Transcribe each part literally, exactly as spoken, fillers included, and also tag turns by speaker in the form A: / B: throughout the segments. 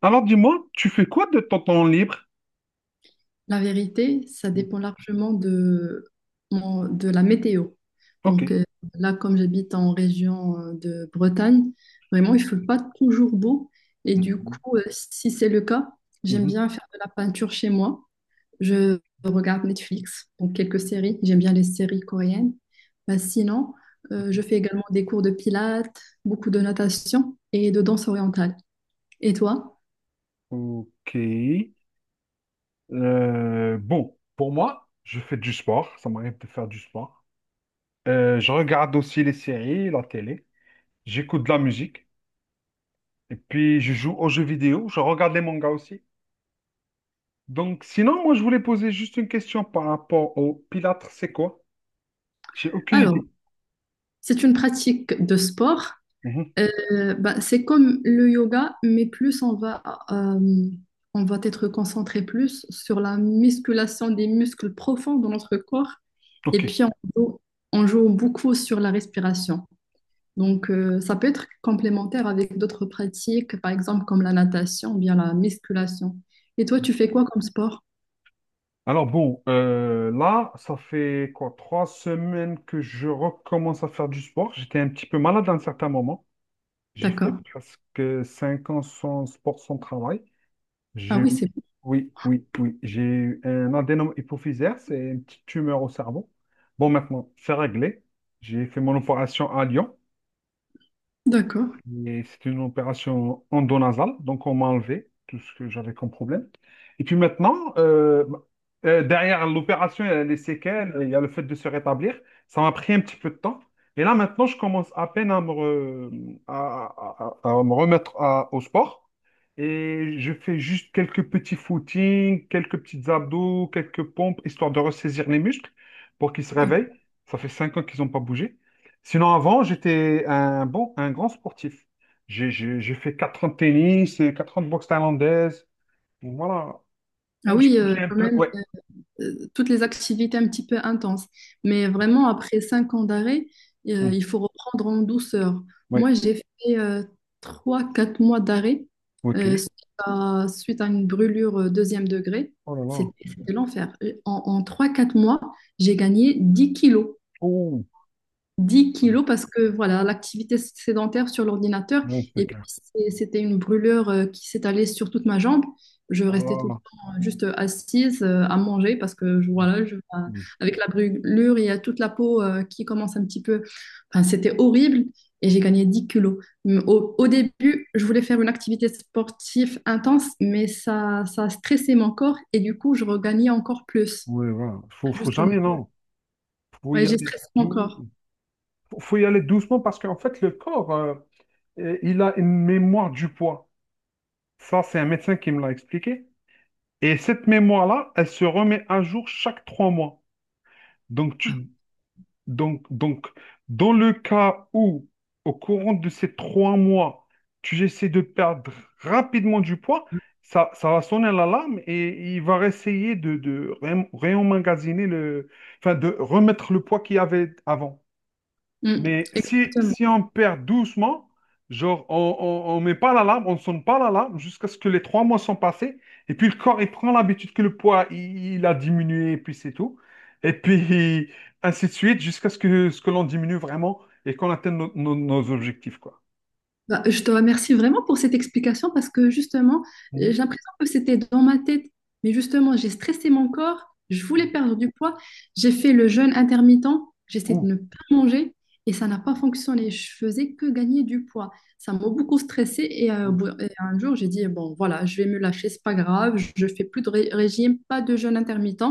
A: Alors dis-moi, tu fais quoi de ton temps libre?
B: La vérité, ça dépend largement de, mon- de la météo.
A: Ok.
B: Donc euh, Là, comme j'habite en région euh, de Bretagne, vraiment, il ne fait pas toujours beau. Et du
A: Mhm.
B: coup, euh, si c'est le cas, j'aime
A: Mhm.
B: bien faire de la peinture chez moi. Je regarde Netflix, donc quelques séries. J'aime bien les séries coréennes. Bah, sinon, euh, je
A: Mhm.
B: fais également des cours de pilates, beaucoup de natation et de danse orientale. Et toi?
A: Ok. Euh, bon, pour moi, je fais du sport. Ça m'arrive de faire du sport. Euh, je regarde aussi les séries, la télé. J'écoute de la musique. Et puis, je joue aux jeux vidéo. Je regarde les mangas aussi. Donc, sinon, moi, je voulais poser juste une question par rapport au Pilates. C'est quoi? J'ai aucune
B: Alors,
A: idée.
B: c'est une pratique de sport.
A: Mhm.
B: Euh, bah, c'est comme le yoga, mais plus on va, euh, on va être concentré plus sur la musculation des muscles profonds de notre corps.
A: Ok.
B: Et puis, on joue, on joue beaucoup sur la respiration. Donc, euh, ça peut être complémentaire avec d'autres pratiques, par exemple comme la natation ou bien la musculation. Et toi, tu fais quoi comme sport?
A: Alors bon, euh, là, ça fait quoi, trois semaines que je recommence à faire du sport. J'étais un petit peu malade à un certain moment. J'ai fait
B: D'accord.
A: presque cinq ans sans sport, sans travail.
B: Ah
A: J'ai
B: oui,
A: eu,
B: c'est bon.
A: oui, oui, oui, j'ai eu un adénome hypophysaire, c'est une petite tumeur au cerveau. Bon, maintenant, c'est réglé. J'ai fait mon opération à Lyon.
B: D'accord.
A: Et c'était une opération endonasale, donc on m'a enlevé tout ce que j'avais comme problème. Et puis maintenant, euh, euh, derrière l'opération, il y a les séquelles, il y a le fait de se rétablir. Ça m'a pris un petit peu de temps. Et là, maintenant, je commence à peine à me, re- à, à- à- à me remettre à- au sport. Et je fais juste quelques petits footings, quelques petits abdos, quelques pompes, histoire de ressaisir les muscles pour qu'ils se réveillent. Ça fait cinq ans qu'ils n'ont pas bougé. Sinon, avant, j'étais un bon, un grand sportif. J'ai j'ai- j'ai fait quatre ans de tennis, et quatre ans de boxe thaïlandaise. Voilà.
B: Ah
A: Donc, je
B: oui, euh,
A: bougeais un
B: quand
A: peu.
B: même.
A: Ouais.
B: Euh, toutes les activités un petit peu intenses. Mais vraiment, après cinq ans d'arrêt, euh,
A: Hmm.
B: il faut reprendre en douceur.
A: Ouais.
B: Moi, j'ai fait euh, trois, quatre mois d'arrêt euh,
A: OK.
B: suite à, suite à une brûlure euh, deuxième degré.
A: Oh là là.
B: C'était c'était l'enfer. Euh, En, en trois, quatre mois, j'ai gagné dix kilos
A: Oh.
B: dix
A: Ouais,
B: kilos parce que voilà, l'activité sédentaire sur l'ordinateur,
A: ouais, c'est
B: et puis
A: clair.
B: c'est- c'était une brûlure euh, qui s'étalait sur toute ma jambe. Je
A: Ah,
B: restais tout le
A: ouais.
B: temps euh, juste assise euh, à manger parce que je- voilà, je- euh,
A: Hmm.
B: avec la brûlure, il y a toute la peau euh, qui commence un petit peu. Enfin, c'était horrible et j'ai gagné dix kilos. Mais Au, au début, je voulais faire une activité sportive intense, mais ça, ça stressait mon corps et du coup, je regagnais encore plus.
A: Ouais, voilà. Faut, faut
B: Justement.
A: jamais, non. Faut
B: Ouais,
A: y
B: j'ai
A: aller
B: stressé mon corps.
A: doucement. Faut faut y aller doucement parce qu'en fait, le corps, euh, euh, il a une mémoire du poids. Ça, c'est un médecin qui me l'a expliqué. Et cette mémoire-là, elle se remet à jour chaque trois mois. Donc,
B: Ah.
A: tu, Donc, donc, dans le cas où, au courant de ces trois mois, tu essaies de perdre rapidement du poids, ça, ça va sonner l'alarme et il va essayer de, de ré- réemmagasiner le, enfin, de remettre le poids qu'il y avait avant.
B: Mm.
A: Mais si,
B: Exactement.
A: si on perd doucement, genre on, on, on met pas l'alarme, on ne sonne pas l'alarme jusqu'à ce que les trois mois sont passés, et puis le corps il prend l'habitude que le poids il, il a diminué, et puis c'est tout. Et puis ainsi de suite jusqu'à ce que, ce que l'on diminue vraiment et qu'on atteigne nos, nos- nos objectifs, quoi.
B: Bah, je te remercie vraiment pour cette explication parce que justement, j'ai
A: Mhm.
B: l'impression que c'était dans ma tête. Mais justement, j'ai stressé mon corps, je voulais perdre du poids, j'ai fait le jeûne intermittent, j'essaie de
A: Mhm.
B: ne pas manger et ça n'a pas fonctionné. Je faisais que gagner du poids. Ça m'a beaucoup stressé et, euh, au bout- et un jour, j'ai dit, bon, voilà, je vais me lâcher, c'est pas grave, je fais plus de ré- régime, pas de jeûne intermittent.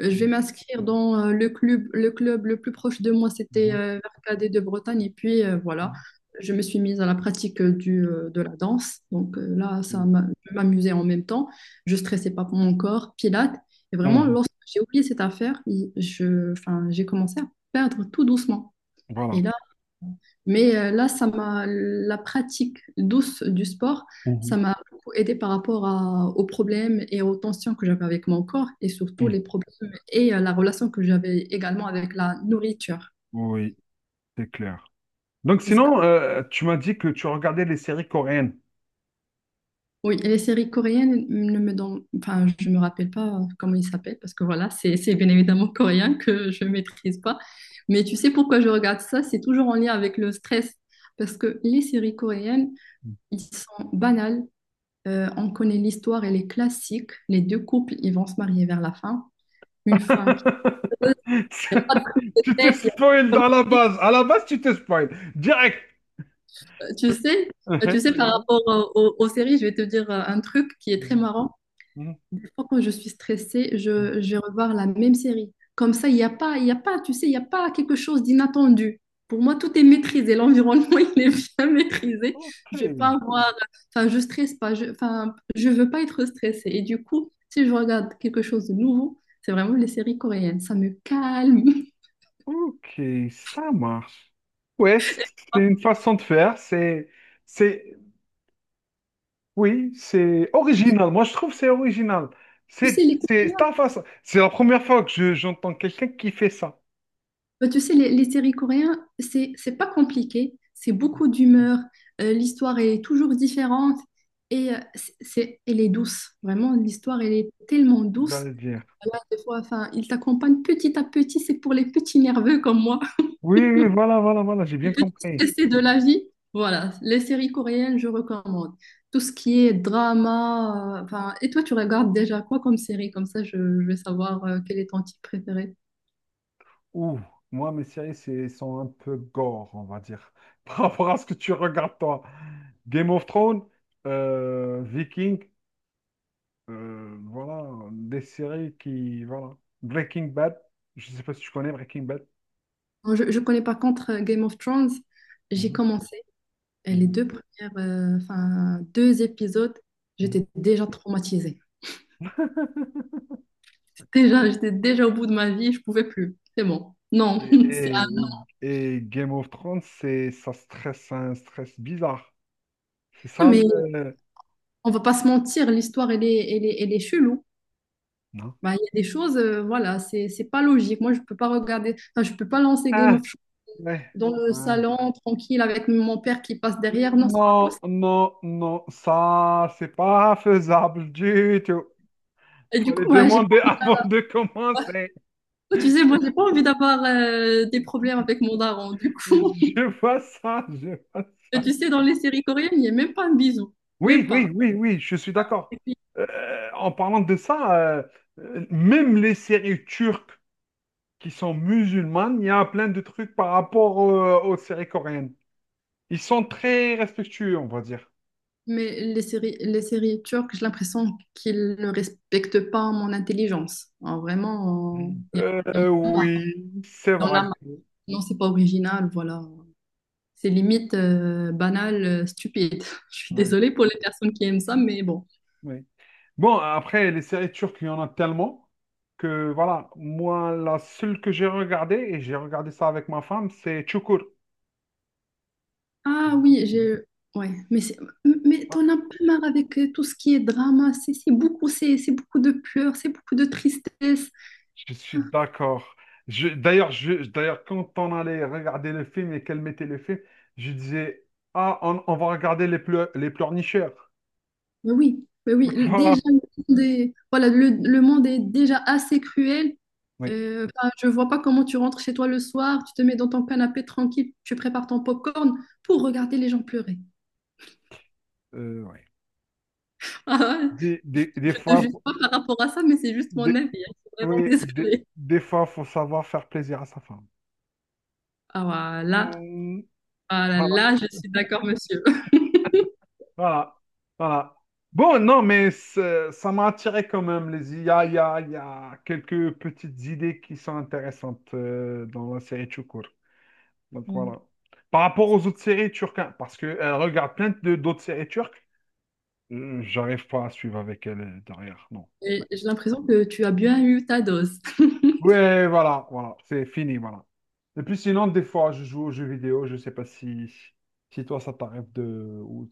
B: Euh, Je vais m'inscrire dans euh, le club, le club le plus proche de moi, c'était
A: Mhm.
B: euh, vers K D de Bretagne. Et puis euh, voilà, je me suis mise à la pratique euh, du, euh, de la danse. Donc euh, là, ça
A: Mhm.
B: m'amusait en même temps. Je ne stressais pas pour mon corps, pilates. Et
A: Mhm.
B: vraiment,
A: Mhm.
B: lorsque j'ai oublié cette affaire, je, enfin, j'ai commencé à perdre tout doucement.
A: Voilà.
B: Et là, mais euh, là, ça m'a, la pratique douce du sport,
A: Mhm.
B: ça m'a beaucoup aidé par rapport à- aux problèmes et aux tensions que j'avais avec mon corps et surtout
A: Mhm.
B: les problèmes et euh, la relation que j'avais également avec la nourriture.
A: Oui, c'est clair. Donc
B: Parce
A: sinon, euh, tu m'as dit que tu regardais les séries coréennes.
B: Oui, et les séries coréennes ne me donnent, enfin, je me rappelle pas comment ils s'appellent parce que voilà, c'est c'est bien évidemment coréen que je maîtrise pas. Mais tu sais pourquoi je regarde ça? C'est toujours en lien avec le stress parce que les séries coréennes, ils sont banales. Euh, on connaît l'histoire, elle est classique. Les deux couples, ils vont se marier vers la fin. Une fin qui ne pas de prise de
A: Tu te
B: tête. il y a-
A: spoil dans la base. À la base, tu te spoil. Direct.
B: Tu sais,
A: Mhm,
B: tu sais, par
A: j'adore.
B: rapport euh, aux, aux séries, je vais te dire euh, un truc qui est très
A: Mhm,
B: marrant.
A: mhm,
B: Des fois, quand je suis stressée,
A: mhm.
B: je, je vais revoir la même série. Comme ça, il n'y a pas, il y a pas, tu sais, il n'y a pas quelque chose d'inattendu. Pour moi, tout est maîtrisé. L'environnement, il est bien maîtrisé.
A: Ok.
B: Je vais pas avoir, enfin, je stresse pas. Je, enfin, je veux pas être stressée. Et du coup, si je regarde quelque chose de nouveau, c'est vraiment les séries coréennes. Ça me calme.
A: Ok, ça marche. Ouais, c- c'est une façon de faire. C'est, c'est, oui, c'est original. Moi, je trouve que c'est original.
B: Tu
A: C'est,
B: sais, les
A: c'est
B: Coréens,
A: ta façon. C'est la première fois que je- j'entends quelqu'un qui fait ça.
B: Bah, tu sais, les, les séries coréennes, c'est, c'est pas compliqué, c'est beaucoup d'humeur, euh, l'histoire est toujours différente et euh, c'est, c'est- elle est douce, vraiment, l'histoire, elle est tellement douce.
A: J'allais dire.
B: Là, des fois, enfin, ils t'accompagnent petit à petit, c'est pour les petits nerveux comme moi.
A: Oui, oui, voilà, voilà, voilà. J'ai bien
B: Et
A: compris.
B: c'est de la vie. Voilà, les séries coréennes, je recommande. Tout ce qui est drama, euh, enfin, et toi, tu regardes déjà quoi comme série? Comme ça, je, je vais savoir euh, quel est ton type préféré.
A: Ouh, moi, mes séries, c'est, sont un peu gore, on va dire, par rapport à ce que tu regardes toi. Game of Thrones, euh, Viking. Euh, voilà, des séries qui... Voilà. Breaking Bad, je sais pas si tu connais Breaking Bad.
B: Moi, Je, je connais par contre euh, Game of Thrones. J'ai
A: Mhm,
B: commencé Et les
A: mhm,
B: deux premières, euh, enfin, deux épisodes,
A: mhm.
B: j'étais déjà traumatisée. Déjà, j'étais déjà au bout de ma vie, je pouvais plus. C'est bon. Non,
A: Et,
B: c'est
A: et- et Game of Thrones, c'est, ça stresse, un stress bizarre. C'est
B: un-
A: ça
B: mais
A: le...
B: on va pas se mentir, l'histoire, elle est, elle est, elle est chelou.
A: Non.
B: Bah, il y a des choses, euh, voilà, c'est, c'est pas logique. Moi, je peux pas regarder, enfin, je peux pas lancer Game
A: Ah,
B: of Thrones
A: ouais,
B: dans le
A: ouais.
B: salon, tranquille, avec mon père qui passe derrière. Non, c'est pas
A: Non,
B: possible.
A: non, non, ça, c'est pas faisable du tout.
B: Et du coup,
A: Fallait
B: moi, j'ai
A: demander avant de commencer.
B: pas, tu sais, moi, j'ai pas envie d'avoir euh, des problèmes avec mon daron. Du coup,
A: Je vois ça, je vois ça.
B: tu sais, dans les séries coréennes, il n'y a même pas un bisou.
A: Oui,
B: Même pas.
A: oui, oui, oui, je suis d'accord. Euh, en parlant de ça, euh, euh, même les séries turques qui sont musulmanes, il y a plein de trucs par rapport euh, aux séries coréennes. Ils sont très respectueux, on va dire.
B: Mais les séries, les séries turques, j'ai l'impression qu'ils ne respectent pas mon intelligence. Alors, vraiment, euh,
A: Mm.
B: il y en il
A: Euh,
B: y en a marre.
A: oui, c'est
B: Il y en
A: vrai.
B: a marre. Non, c'est pas original, voilà. C'est limite euh, banal, euh, stupide. Je suis
A: Ouais,
B: désolée pour les personnes qui aiment ça, mais bon.
A: ouais. Bon, après, les séries turques, il y en a tellement que, voilà, moi, la seule que j'ai regardée, et j'ai regardé ça avec ma femme, c'est Çukur.
B: Ah oui, j'ai... Ouais, mais c'est... Mais t'en as pas marre avec euh, tout ce qui est drama, c'est c'est beaucoup, c'est c'est beaucoup de pleurs, c'est beaucoup de tristesse.
A: Je suis d'accord. Je, d'ailleurs, je, d'ailleurs, quand on allait regarder le film et qu'elle mettait le film, je disais, ah, on, on va regarder les, pleu- les pleurnicheurs.
B: Mais oui, mais oui, le-
A: Voilà.
B: déjà, le monde est, voilà, le, le monde est déjà assez cruel.
A: Oui,
B: Euh, enfin, je vois pas comment tu rentres chez toi le soir, tu te mets dans ton canapé tranquille, tu prépares ton popcorn pour regarder les gens pleurer.
A: euh, oui.
B: Ah ouais,
A: Des,
B: je,
A: des, des
B: je te
A: fois,
B: juge
A: faut-
B: pas par rapport à ça, mais c'est juste mon
A: des,
B: avis. Hein, je suis vraiment
A: oui, des,
B: désolée.
A: des fois, faut savoir faire plaisir à sa femme.
B: Ah voilà,
A: Mm,
B: ah là,
A: voilà,
B: là, je suis d'accord, monsieur.
A: voilà, voilà. Bon, non, mais c'est- ça m'a attiré quand même. Les... Il y a, il y a- il y a quelques petites idées qui sont intéressantes euh, dans la série Chukur. Donc
B: Mm.
A: voilà. Par rapport aux autres séries turques, hein, parce qu'elle regarde plein de- d'autres séries turques, euh, j'arrive pas à suivre avec elle euh, derrière, non.
B: Et j'ai l'impression que tu as bien eu ta dose.
A: Ouais, voilà, voilà, c'est fini, voilà. Et puis sinon, des fois, je joue aux jeux vidéo, je sais pas si, si, toi, ça t'arrive de... ou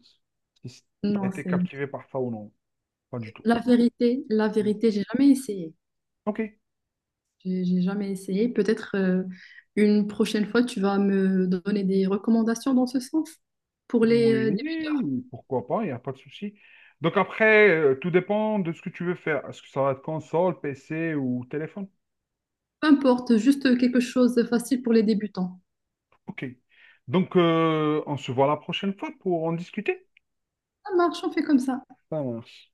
A: si t'as
B: Non,
A: été
B: c'est
A: captivé par ça ou non. Pas du tout.
B: la vérité, la vérité, j'ai jamais essayé.
A: Ok.
B: J'ai j'ai jamais essayé. Peut-être euh, une prochaine fois, tu vas me donner des recommandations dans ce sens. Pour les euh, débutants,
A: Oui, pourquoi pas, il n'y a pas de souci. Donc après, euh, tout dépend de ce que tu veux faire. Est-ce que ça va être console, P C ou téléphone?
B: peu importe, juste quelque chose de facile pour les débutants.
A: Ok. Donc, euh, on se voit la prochaine fois pour en discuter.
B: Ça marche, on fait comme ça.
A: Ça marche.